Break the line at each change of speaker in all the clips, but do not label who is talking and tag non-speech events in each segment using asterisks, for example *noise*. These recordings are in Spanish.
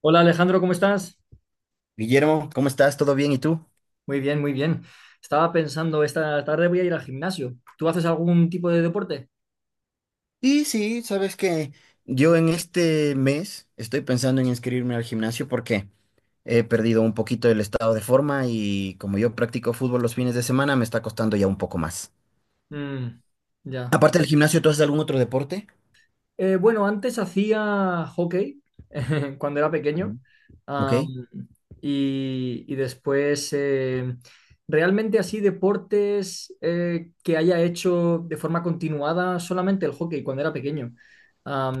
Hola Alejandro, ¿cómo estás?
Guillermo, ¿cómo estás? ¿Todo bien? ¿Y tú?
Muy bien, muy bien. Estaba pensando, esta tarde voy a ir al gimnasio. ¿Tú haces algún tipo de deporte?
Y sí, sabes que yo en este mes estoy pensando en inscribirme al gimnasio porque he perdido un poquito el estado de forma y como yo practico fútbol los fines de semana, me está costando ya un poco más.
Mm, ya.
Aparte del gimnasio, ¿tú haces algún otro deporte?
Bueno, antes hacía hockey *laughs* cuando era pequeño.
Ujú. Ok.
Am, y después, realmente así deportes que haya hecho de forma continuada solamente el hockey cuando era pequeño.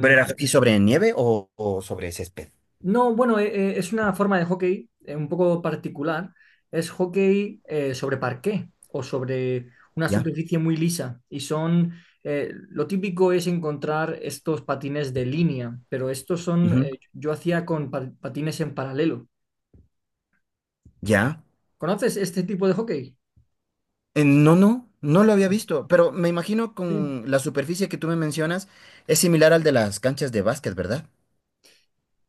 ¿Pero era aquí sobre nieve o sobre césped?
No, bueno, es una forma de hockey un poco particular. Es hockey sobre parqué o sobre una
¿Ya?
superficie muy lisa. Lo típico es encontrar estos patines de línea, pero estos son,
Ujú.
yo hacía con patines en paralelo.
¿Ya?
¿Conoces este tipo de hockey?
No, no, no lo había visto, pero me imagino
Sí.
con la superficie que tú me mencionas es similar al de las canchas de básquet, ¿verdad?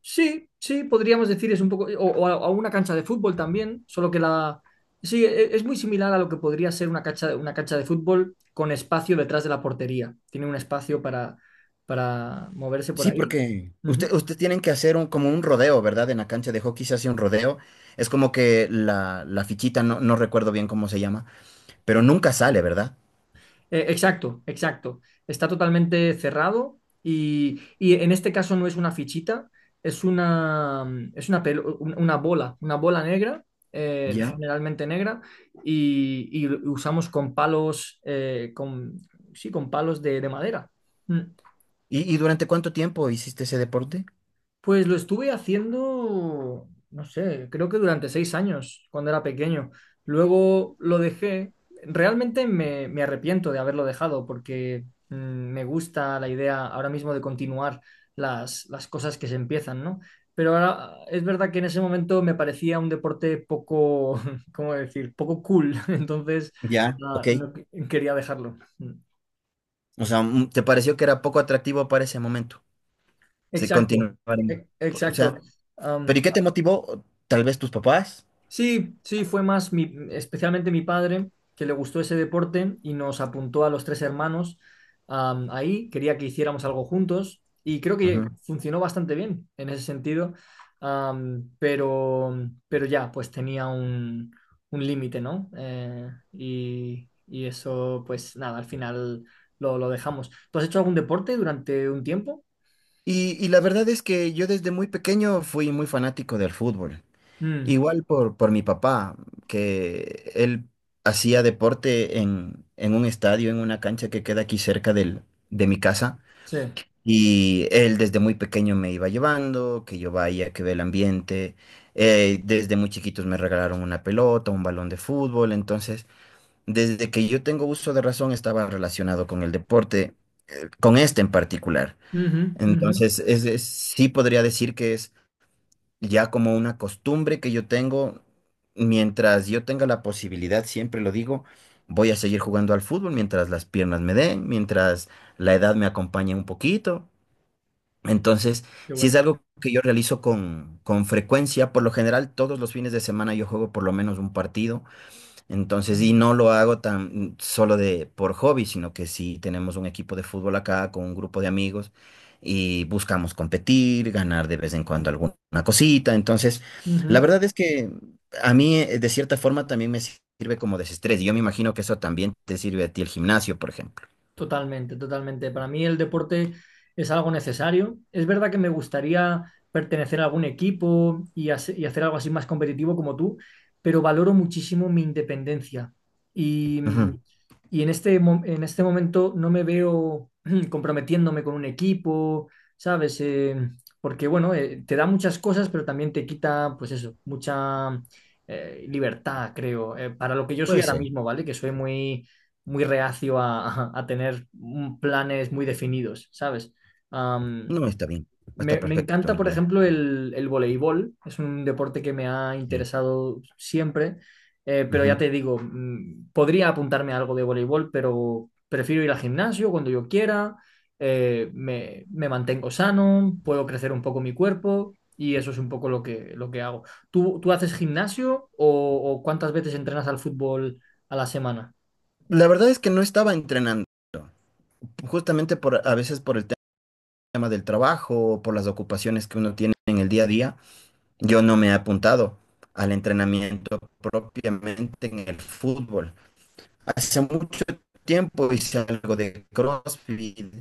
Sí, sí, podríamos decir es un poco, o a una cancha de fútbol también, solo que la... Sí, es muy similar a lo que podría ser una cancha de fútbol con espacio detrás de la portería. Tiene un espacio para moverse por
Sí,
ahí.
porque usted,
Ujú.
usted tienen que hacer un, como un rodeo, ¿verdad? En la cancha de hockey se hace un rodeo. Es como que la fichita, no recuerdo bien cómo se llama, pero nunca sale, ¿verdad?
Exacto, exacto. Está totalmente cerrado y en este caso no es una fichita, es una, es una, una bola negra,
Ya.
generalmente negra, y lo usamos con palos, sí, con palos de madera. Mm.
¿Y durante cuánto tiempo hiciste ese deporte?
Pues lo estuve haciendo, no sé, creo que durante seis años, cuando era pequeño. Luego lo dejé. Realmente me, me arrepiento de haberlo dejado porque me gusta la idea ahora mismo de continuar las cosas que se empiezan, ¿no? Pero ahora es verdad que en ese momento me parecía un deporte poco, *laughs* ¿cómo decir? Poco cool. *laughs* Entonces,
Ya.
no,
Ok.
no quería dejarlo. Mm.
O sea, ¿te pareció que era poco atractivo para ese momento? Sí,
Exacto,
continuar. O
exacto.
sea,
Am,
¿pero y qué te motivó? Tal vez tus papás.
Sí, sí, fue más mi, especialmente mi padre que le gustó ese deporte y nos apuntó a los tres hermanos ahí. Quería que hiciéramos algo juntos y creo que
Ujú.
funcionó bastante bien en ese sentido, am, pero, pero ya, pues tenía un límite, ¿no? Y eso, pues nada, al final lo dejamos. ¿Tú has hecho algún deporte durante un tiempo?
Y la verdad es que yo desde muy pequeño fui muy fanático del fútbol.
Mm,
Igual por mi papá, que él hacía deporte en un estadio, en una cancha que queda aquí cerca de mi casa.
sí.
Y él desde muy pequeño me iba llevando, que yo vaya, que ve el ambiente. Desde muy chiquitos me regalaron una pelota, un balón de fútbol. Entonces, desde que yo tengo uso de razón, estaba relacionado con el deporte, con este en particular.
Ujú, ujú.
Entonces, sí podría decir que es ya como una costumbre que yo tengo, mientras yo tenga la posibilidad, siempre lo digo, voy a seguir jugando al fútbol mientras las piernas me den, mientras la edad me acompañe un poquito. Entonces,
Qué
si es
bueno.
algo que yo realizo con frecuencia, por lo general todos los fines de semana yo juego por lo menos un partido entonces, y
Mm,
no lo hago tan solo de por hobby, sino que sí tenemos un equipo de fútbol acá con un grupo de amigos y buscamos competir, ganar de vez en cuando alguna cosita. Entonces, la
ujú.
verdad es que a mí de cierta forma también me sirve como desestrés. Y yo me imagino que eso también te sirve a ti el gimnasio, por ejemplo.
Totalmente, totalmente. Para mí el deporte es algo necesario. Es verdad que me gustaría pertenecer a algún equipo y, y hacer algo así más competitivo como tú, pero valoro muchísimo mi independencia. Y,
Ujú.
y en este, en este momento no me veo *clears throat* comprometiéndome con un equipo, ¿sabes? Porque bueno, te da muchas cosas, pero también te quita, pues eso, mucha libertad, creo, para lo que yo soy
Puede
ahora
ser.
mismo, ¿vale? Que soy muy muy reacio a tener planes muy definidos, ¿sabes? Am,
No está bien. No, está
me, me
perfecto en
encanta, por
realidad.
ejemplo, el voleibol. Es un deporte que me ha
Sí.
interesado siempre, pero ya
Ujú.
te digo, podría apuntarme a algo de voleibol, pero prefiero ir al gimnasio cuando yo quiera, me, me mantengo sano, puedo crecer un poco mi cuerpo y eso es un poco lo que hago. ¿Tú, tú haces gimnasio o cuántas veces entrenas al fútbol a la semana?
La verdad es que no estaba entrenando, justamente por a veces por el tema del trabajo, por las ocupaciones que uno tiene en el día a día, yo no me he apuntado al entrenamiento propiamente en el fútbol. Hace mucho tiempo hice algo de CrossFit,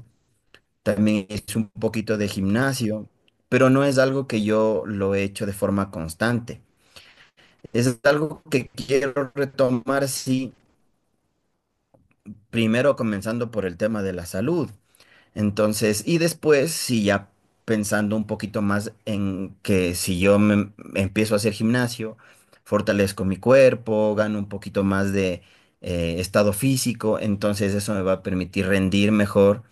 de gimnasio, pero no es algo que yo lo he hecho de forma constante. Es algo que quiero retomar, sí, primero comenzando por el tema de la salud. Entonces, y después, sí, ya pensando un poquito más en que si yo me, empiezo a hacer gimnasio, fortalezco mi cuerpo, gano un poquito más de estado físico, entonces eso me va a permitir rendir mejor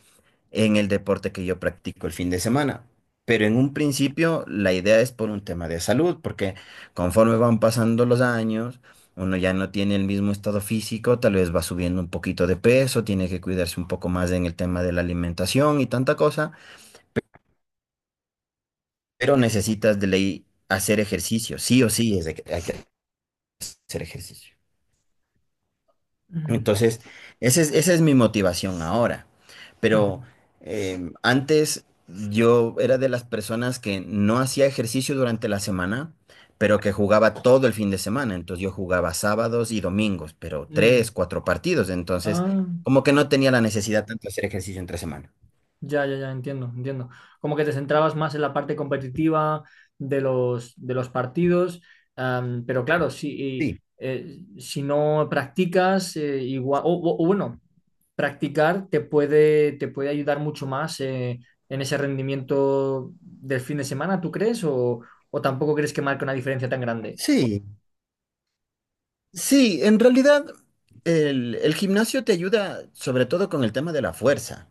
en el deporte que yo practico el fin de semana. Pero en un principio la idea es por un tema de salud, porque conforme van pasando los años, uno ya no tiene el mismo estado físico, tal vez va subiendo un poquito de peso, tiene que cuidarse un poco más en el tema de la alimentación y tanta cosa, pero necesitas de ley hacer ejercicio, sí o sí es de que hay que hacer ejercicio.
Mm.
Entonces, esa es mi motivación ahora. Pero
Ujú.
antes yo era de las personas que no hacía ejercicio durante la semana, pero que jugaba todo el fin de semana. Entonces yo jugaba sábados y domingos, pero tres,
Mm.
cuatro partidos. Entonces,
Ah,
como que no tenía la necesidad tanto de hacer ejercicio entre semana.
ya, ya, ya, entiendo, entiendo. Como que te centrabas más en la parte competitiva de los partidos, pero claro, si,
Sí.
si no practicas, igual, o, o bueno, practicar te puede ayudar mucho más en ese rendimiento del fin de semana, ¿tú crees? O tampoco crees que marque una diferencia tan grande?
Sí, sí, en realidad el gimnasio te ayuda sobre todo con el tema de la fuerza.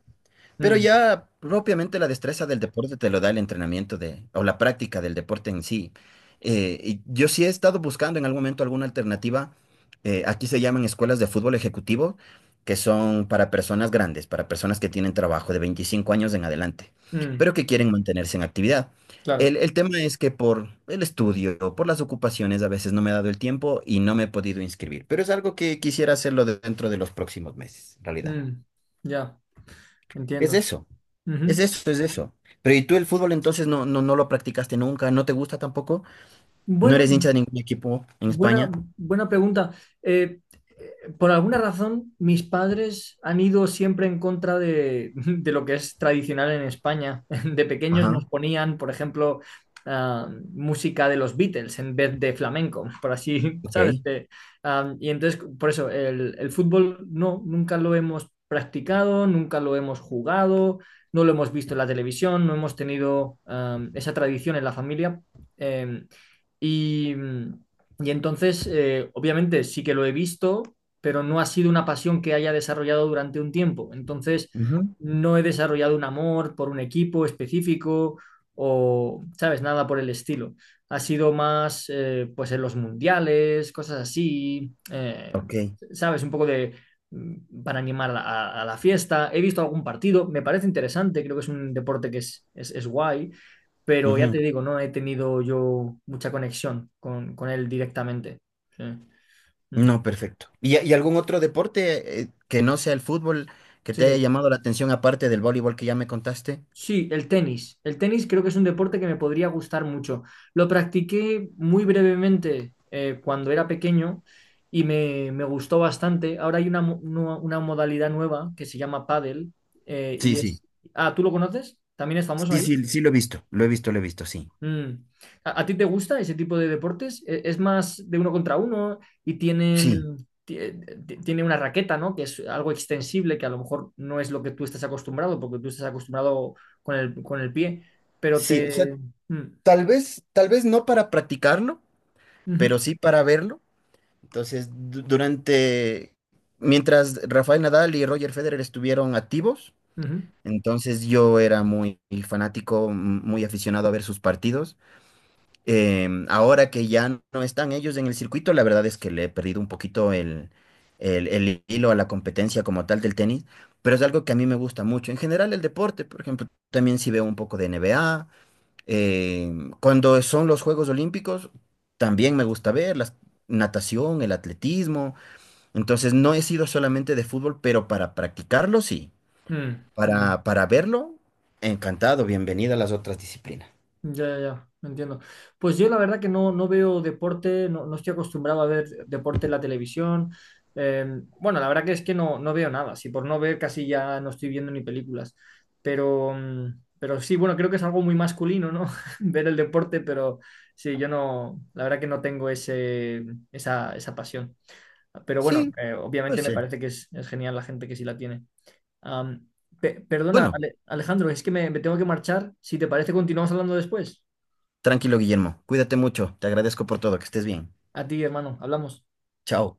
Pero
Mm,
ya propiamente la destreza del deporte te lo da el entrenamiento de, o la práctica del deporte en sí. Y yo sí he estado buscando en algún momento alguna alternativa. Aquí se llaman escuelas de fútbol ejecutivo, que son para personas grandes, para personas que tienen trabajo de 25 años en adelante,
mm,
pero que quieren mantenerse en actividad.
claro.
El tema es que por el estudio, por las ocupaciones, a veces no me he dado el tiempo y no me he podido inscribir, pero es algo que quisiera hacerlo dentro de los próximos meses, en realidad.
Mm, ya,
Es
entiendo.
eso. Es
Ujú.
eso, es eso. Pero ¿y tú el fútbol entonces no lo practicaste nunca? ¿No te gusta tampoco? ¿No
Bueno.
eres hincha de ningún equipo en
Buena,
España?
buena pregunta. Eh, eh, por alguna razón, mis padres han ido siempre en contra de lo que es tradicional en España. *laughs* De pequeños
Ajá.
nos ponían, por ejemplo, música de los Beatles en vez de flamenco, por así, *laughs*
Ok.
¿sabes? Y entonces, por eso, el fútbol no, nunca lo hemos practicado, nunca lo hemos jugado, no lo hemos visto en la televisión, no hemos tenido esa tradición en la familia. Em, y. Y entonces, obviamente sí que lo he visto, pero no ha sido una pasión que haya desarrollado durante un tiempo. Entonces,
Ujú.
no he desarrollado un amor por un equipo específico o, ¿sabes? Nada por el estilo. Ha sido más, pues, en los mundiales, cosas así,
Ok.
¿sabes? Un poco de para animar a la fiesta. He visto algún partido, me parece interesante, creo que es un deporte que es guay, pero ya te
Ujú.
digo, no he tenido yo mucha conexión con él directamente. Sí. Mm.
No, perfecto. ¿Y algún otro deporte que no sea el fútbol que te haya
Sí.
llamado la atención aparte del voleibol que ya me contaste?
Sí, el tenis. El tenis creo que es un deporte que me podría gustar mucho. Lo practiqué muy brevemente cuando era pequeño y me gustó bastante. Ahora hay una, una modalidad nueva que se llama pádel
Sí,
y
sí.
es... Ah, ¿tú lo conoces? ¿También es famoso
Sí,
ahí?
sí, sí lo he visto. Lo he visto, lo he visto, sí.
Mm. A ti te gusta ese tipo de deportes? ¿Es, más de uno contra uno y tienen,
Sí,
ti- tiene una raqueta, ¿no? Que es algo extensible, que a lo mejor no es lo que tú estás acostumbrado, porque tú estás acostumbrado con el pie, pero
sí. O sea,
te... Mm.
tal vez no para practicarlo,
Ujú,
pero sí para verlo. Entonces, durante, mientras Rafael Nadal y Roger Federer estuvieron activos,
ujú,
entonces yo era muy fanático, muy aficionado a ver sus partidos. Ahora que ya no están ellos en el circuito, la verdad es que le he perdido un poquito el hilo a la competencia como tal del tenis, pero es algo que a mí me gusta mucho. En general, el deporte, por ejemplo, también sí veo un poco de NBA. Cuando son los Juegos Olímpicos, también me gusta ver las natación, el atletismo. Entonces no he sido solamente de fútbol, pero para practicarlo sí.
mm, mm.
Para verlo, encantado, bienvenida a las otras disciplinas.
Ya, ya, ya, me entiendo. Pues yo la verdad que no, no veo deporte, no, no estoy acostumbrado a ver deporte en la televisión. Eh, bueno, la verdad que es que no, no veo nada. Si por no ver casi ya no estoy viendo ni películas. Pero, pero sí, bueno, creo que es algo muy masculino, ¿no? *laughs* Ver el deporte, pero sí, yo no, la verdad que no tengo ese, esa pasión. Pero bueno,
Sí, pues
obviamente me
sí.
parece que es genial la gente que sí la tiene. Am, perdona,
Bueno,
Alejandro, es que me tengo que marchar. Si te parece, continuamos hablando después.
tranquilo, Guillermo. Cuídate mucho. Te agradezco por todo. Que estés bien.
A ti, hermano, hablamos.
Chao.